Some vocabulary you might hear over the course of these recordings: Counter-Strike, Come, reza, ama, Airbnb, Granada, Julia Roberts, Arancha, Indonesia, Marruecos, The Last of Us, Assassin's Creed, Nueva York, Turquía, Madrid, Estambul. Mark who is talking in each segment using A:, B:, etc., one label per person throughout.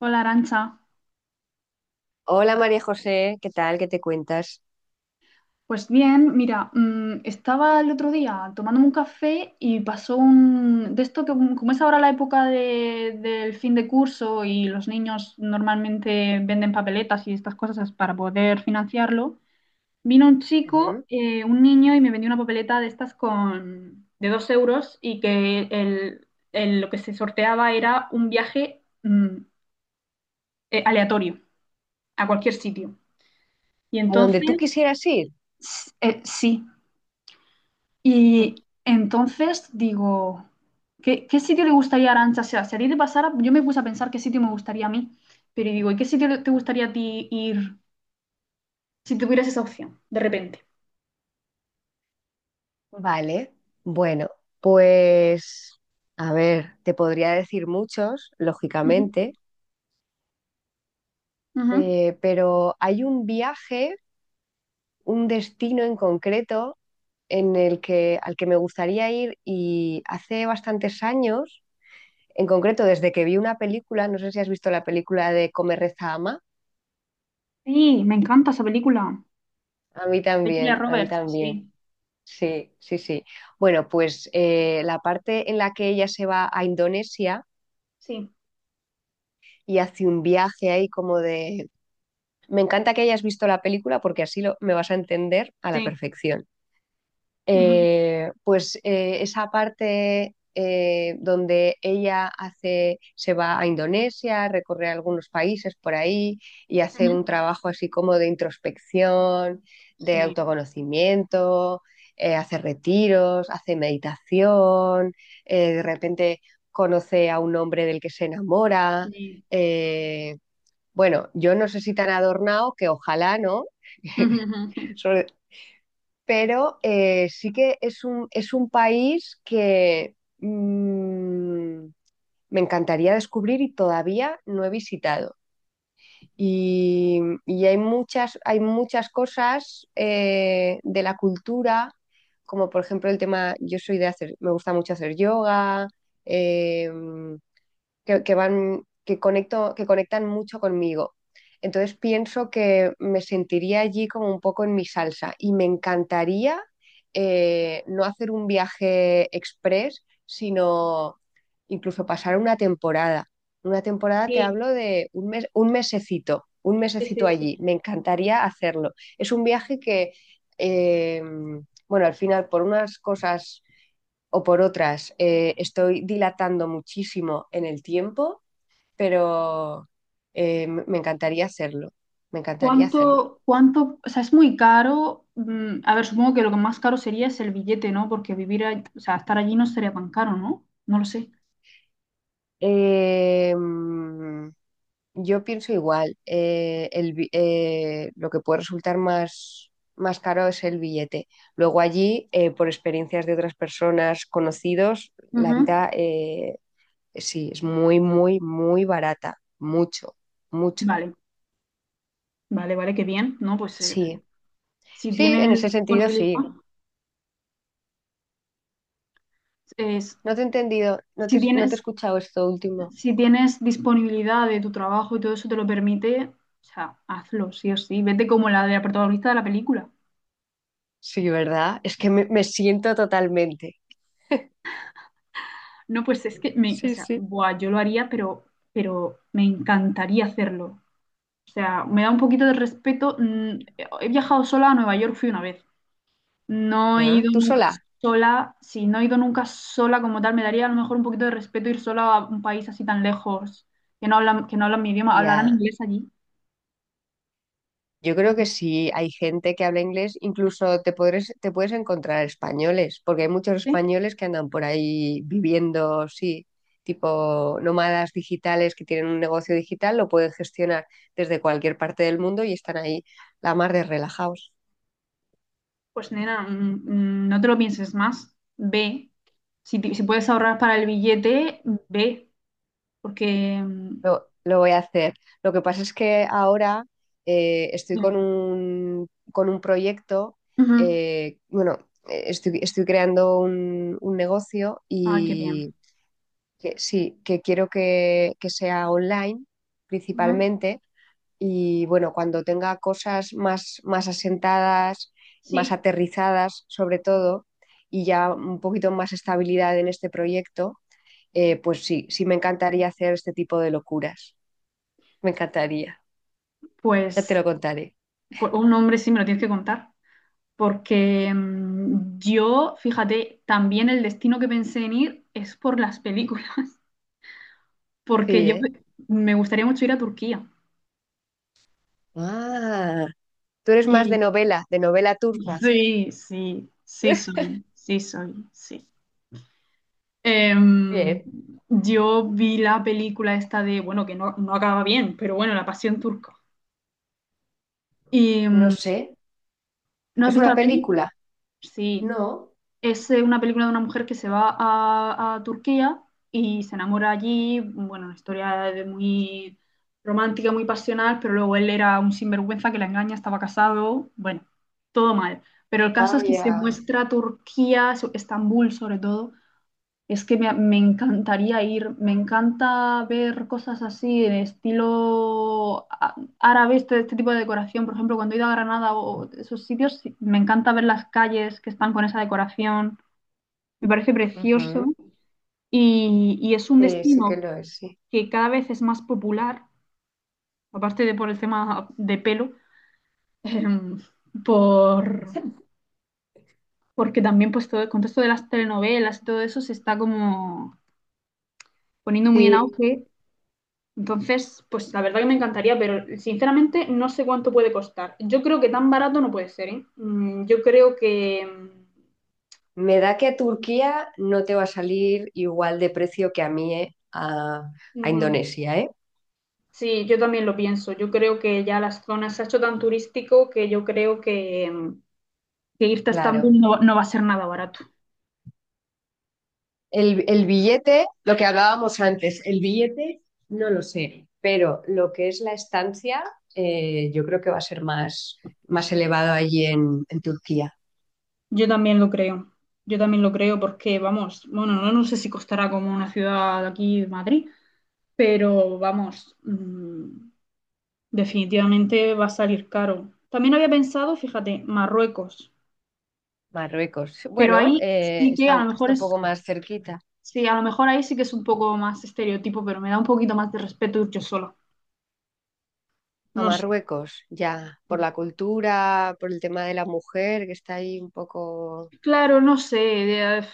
A: Hola, Arancha.
B: Hola María José, ¿qué tal? ¿Qué te cuentas?
A: Pues bien, mira, estaba el otro día tomándome un café y pasó un de esto que, como es ahora la época del fin de curso y los niños normalmente venden papeletas y estas cosas para poder financiarlo, vino un chico,
B: Ujú.
A: un niño y me vendió una papeleta de estas con de 2 euros y que lo que se sorteaba era un viaje, aleatorio, a cualquier sitio. Y
B: ¿A donde tú
A: entonces,
B: quisieras ir?
A: sí. Y entonces digo, ¿qué sitio le gustaría a Arantxa? O sea, si a ti te pasara, yo me puse a pensar qué sitio me gustaría a mí, pero digo, ¿y qué sitio te gustaría a ti ir si tuvieras esa opción, de repente?
B: Vale, bueno, pues a ver, te podría decir muchos,
A: Ujú.
B: lógicamente,
A: Ujú.
B: pero hay un viaje, un destino en concreto en al que me gustaría ir, y hace bastantes años, en concreto desde que vi una película. No sé si has visto la película de Come, reza, ama,
A: Sí, me encanta esa película.
B: a mí
A: De Julia
B: también, a mí
A: Roberts,
B: también.
A: sí,
B: Sí, sí, sí. Bueno, pues la parte en la que ella se va a Indonesia
A: sí,
B: y hace un viaje ahí como de... Me encanta que hayas visto la película porque me vas a entender a la
A: sí.
B: perfección.
A: Ujú.
B: Esa parte donde se va a Indonesia, recorre algunos países por ahí y hace
A: Ujú,
B: un trabajo así como de introspección, de
A: sí.
B: autoconocimiento. Hace retiros, hace meditación. De repente conoce a un hombre del que se enamora.
A: Sí.
B: eh, bueno, yo no sé, si tan adornado que ojalá, ¿no?
A: Ujú, ujú, ujú.
B: Sobre- pero sí que es un país que me encantaría descubrir y todavía no he visitado. Y, y hay muchas cosas de la cultura, como por ejemplo el tema, yo soy de hacer, me gusta mucho hacer yoga. eh, que van, que que conectan mucho conmigo. Entonces pienso que me sentiría allí como un poco en mi salsa, y me encantaría, no hacer un viaje express, sino incluso pasar una temporada. Una temporada te
A: Sí,
B: hablo de un mes, un
A: sí,
B: mesecito
A: sí, sí.
B: allí. Me encantaría hacerlo. Es un viaje que, eh, bueno, al final por unas cosas o por otras, estoy dilatando muchísimo en el tiempo, pero me encantaría hacerlo, me encantaría hacerlo.
A: ¿Cuánto, o sea, es muy caro? A ver, supongo que lo que más caro sería es el billete, ¿no? Porque vivir, o sea, estar allí no sería tan caro, ¿no? No lo sé.
B: Eh, mm, yo pienso igual. Lo que puede resultar más, más caro es el billete. Luego allí, por experiencias de otras personas conocidos, la
A: Ujú.
B: vida sí, es muy, muy, muy barata, mucho, mucho.
A: Vale, vale, vale, qué bien, ¿no? Pues,
B: Sí,
A: si
B: sí, en ese
A: tienes
B: sentido
A: disponibilidad,
B: sí.
A: es-
B: No te he entendido,
A: si
B: no te he
A: tienes,
B: escuchado esto último.
A: si tienes disponibilidad de tu trabajo y todo eso te lo permite, o sea, hazlo, sí o sí. Vete como la de la protagonista de la película.
B: Sí, ¿verdad? Es que me siento totalmente.
A: No, pues es que me, o
B: Sí,
A: sea,
B: sí.
A: buah, yo lo haría, pero me encantaría hacerlo. O sea, me da un poquito de respeto. He viajado sola a Nueva York, fui una vez. No he
B: Ah,
A: ido
B: ¿tú
A: nunca
B: sola?
A: sola. Si no he ido nunca sola como tal, me daría a lo mejor un poquito de respeto ir sola a un país así tan lejos, que no hablan mi idioma. ¿Hablarán
B: Ya.
A: inglés allí?
B: Yo
A: ¿O
B: creo que
A: no
B: sí, hay gente que habla inglés, incluso te puedes encontrar españoles, porque hay muchos
A: sé?
B: españoles que andan por ahí viviendo, sí, tipo nómadas digitales que tienen un negocio digital, lo pueden gestionar desde cualquier parte del mundo, y están ahí la mar de relajados.
A: Pues nena, no te lo pienses más. Ve. Si puedes ahorrar para el billete, ve. Porque... mm,
B: Lo voy a hacer. Lo que pasa es que ahora estoy con
A: Dime.
B: con un proyecto.
A: Ujú.
B: eh, bueno, estoy creando un negocio,
A: Ay, qué bien.
B: y que, sí, que quiero que sea online
A: Ujú.
B: principalmente. Y bueno, cuando tenga cosas más, más asentadas, más
A: Sí.
B: aterrizadas sobre todo, y ya un poquito más estabilidad en este proyecto, pues sí, sí me encantaría hacer este tipo de locuras. Me encantaría. Ya te
A: Pues,
B: lo contaré.
A: pues un hombre sí me lo tienes que contar. Porque yo, fíjate, también el destino que pensé en ir es por las películas, porque
B: Sí,
A: yo
B: ¿eh?
A: me gustaría mucho ir a Turquía.
B: Ah, tú eres más
A: Y
B: de novela turca.
A: sí, sí, sí soy, sí. Em,
B: Bien.
A: yo vi la película esta de, bueno, que no acaba bien, pero bueno, La Pasión Turca. Y,
B: No sé.
A: ¿no has
B: ¿Es
A: visto
B: una
A: la peli?
B: película?
A: Sí.
B: No.
A: Es una película de una mujer que se va a Turquía y se enamora allí, bueno, una historia de muy romántica, muy pasional, pero luego él era un sinvergüenza que la engaña, estaba casado, bueno, todo mal. Pero el caso es que se
B: Vaya.
A: muestra Turquía, Estambul sobre todo. Es que me encantaría ir, me encanta ver cosas así de estilo árabe, este tipo de decoración, por ejemplo, cuando he ido a Granada o esos sitios, sí, me encanta ver las calles que están con esa decoración. Me parece precioso,
B: Ujú.
A: y es un
B: Sí, sí que
A: destino
B: lo es, sí.
A: que cada vez es más popular, aparte de por el tema de pelo. em, por, Porque también pues todo el contexto de las telenovelas y todo eso se está como poniendo muy en
B: Sí,
A: auge. Entonces, pues la verdad que me encantaría, pero sinceramente no sé cuánto puede costar. Yo creo que tan barato no puede ser, ¿eh? Yo creo que...
B: me da que a Turquía no te va a salir igual de precio que a mí, ¿eh? A
A: ujú.
B: Indonesia, ¿eh?
A: Sí, yo también lo pienso. Yo creo que ya las zonas se ha hecho tan turístico que yo creo que... que irte a Estambul
B: Claro.
A: no va a ser nada barato.
B: El billete, lo que hablábamos antes, el billete no lo sé, pero lo que es la estancia, yo creo que va a ser más, más
A: Sí,
B: elevado allí en Turquía.
A: yo también lo creo. Yo también lo creo porque, vamos, bueno, no sé si costará como una ciudad de aquí, Madrid, pero vamos, definitivamente va a salir caro. También había pensado, fíjate, Marruecos,
B: Marruecos.
A: pero
B: Bueno,
A: ahí sí que a lo mejor
B: está un
A: es,
B: poco más cerquita
A: sí, a lo mejor ahí sí que es un poco más estereotipo, pero me da un poquito más de respeto ir yo sola.
B: a
A: No sé.
B: Marruecos, ya, por la cultura, por el tema de la mujer, que está ahí un poco...
A: Claro, no sé.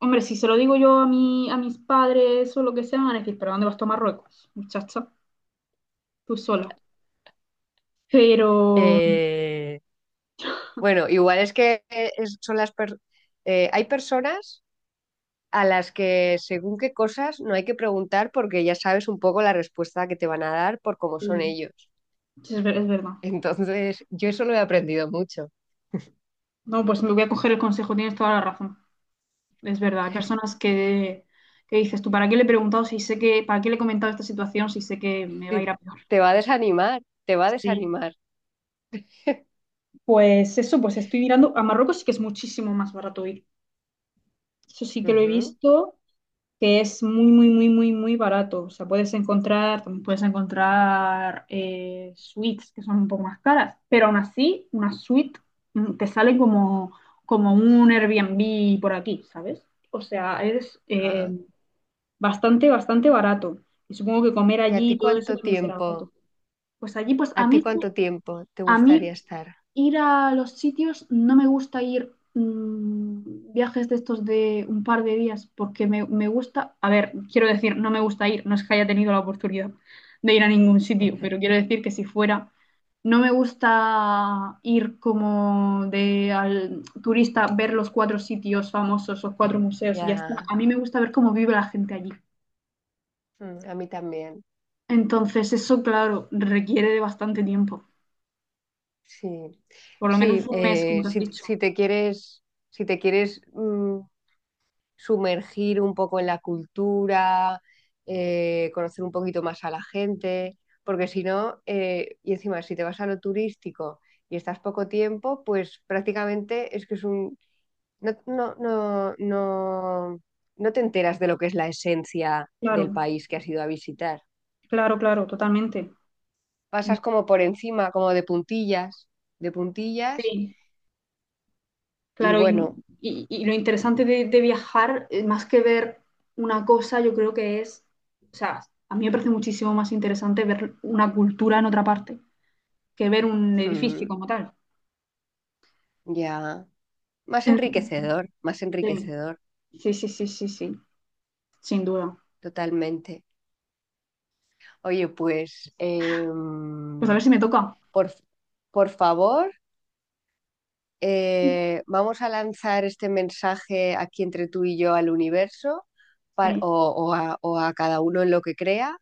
A: Hombre, si se lo digo yo a mis padres o lo que sea, me van a decir: ¿pero dónde vas tú a Marruecos, muchacha? Tú sola. Pero
B: eh, bueno, igual es que son las... hay personas a las que según qué cosas no hay que preguntar, porque ya sabes un poco la respuesta que te van a dar por cómo son
A: sí,
B: ellos.
A: sí, es verdad.
B: Entonces, yo eso lo he aprendido mucho.
A: No, pues me voy a coger el consejo, tienes toda la razón. Es verdad. Hay personas que dices: ¿tú para qué le he preguntado si sé que, para qué le he comentado esta situación si sé que me
B: Sí,
A: va a ir a peor?
B: te va a desanimar, te va a
A: Sí.
B: desanimar.
A: Pues eso, pues estoy mirando. A Marruecos sí que es muchísimo más barato ir. Eso sí que lo he
B: Ujú.
A: visto, que es muy, muy, muy, muy, muy barato. O sea, puedes encontrar, también puedes encontrar suites que son un poco más caras, pero aún así, una suite te sale como un Airbnb por aquí, ¿sabes? O sea, es
B: Ah,
A: bastante, bastante barato. Y supongo que comer
B: ¿y a
A: allí
B: ti
A: y todo eso
B: cuánto
A: también será barato.
B: tiempo?
A: Pues allí, pues
B: ¿A ti cuánto tiempo te
A: a mí
B: gustaría estar?
A: ir a los sitios, no me gusta ir viajes de estos de un par de días, porque me gusta, a ver, quiero decir, no me gusta ir, no es que haya tenido la oportunidad de ir a ningún sitio, pero quiero decir que si fuera, no me gusta ir como de al turista, ver los cuatro sitios famosos, los cuatro museos y ya está.
B: Ya.
A: A mí me gusta ver cómo vive la gente allí.
B: Mm, a mí también.
A: Entonces, eso, claro, requiere de bastante tiempo,
B: Sí,
A: por lo menos
B: sí,
A: un mes, como te has dicho.
B: si te quieres, si te quieres sumergir un poco en la cultura, conocer un poquito más a la gente, porque si no, y encima, si te vas a lo turístico y estás poco tiempo, pues prácticamente es que es un... No, no, no, no, no te enteras de lo que es la esencia del
A: Claro,
B: país que has ido a visitar.
A: claro, claro, totalmente.
B: Pasas como por encima, como de puntillas,
A: Sí,
B: y
A: claro, y,
B: bueno,
A: y- y lo interesante de viajar, más que ver una cosa, yo creo que es, o sea, a mí me parece muchísimo más interesante ver una cultura en otra parte que ver un edificio
B: mm,
A: como tal.
B: ya,
A: Mm,
B: más enriquecedor,
A: sí, sí, sí, sí, sí, sí, sin duda.
B: totalmente. Oye, pues
A: Pues a ver si me toca.
B: por, por favor, vamos a lanzar este mensaje aquí entre tú y yo al universo, pa-
A: Sí,
B: o, o a cada uno en lo que crea,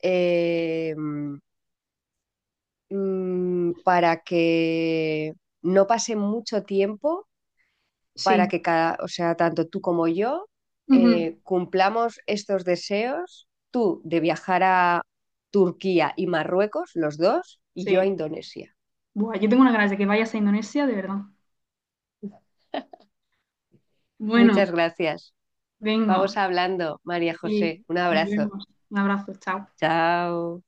B: em, para que no pase mucho tiempo,
A: sí,
B: para que cada, o sea, tanto tú como yo,
A: ujú,
B: cumplamos estos deseos, tú de viajar a Turquía y Marruecos, los dos, y yo a
A: sí.
B: Indonesia.
A: Buah, yo tengo una ganas de que vayas a Indonesia, de verdad. Bueno,
B: Muchas gracias. Vamos
A: venga,
B: hablando, María
A: sí,
B: José. Un
A: nos
B: abrazo.
A: vemos. Un abrazo, chao.
B: Chao.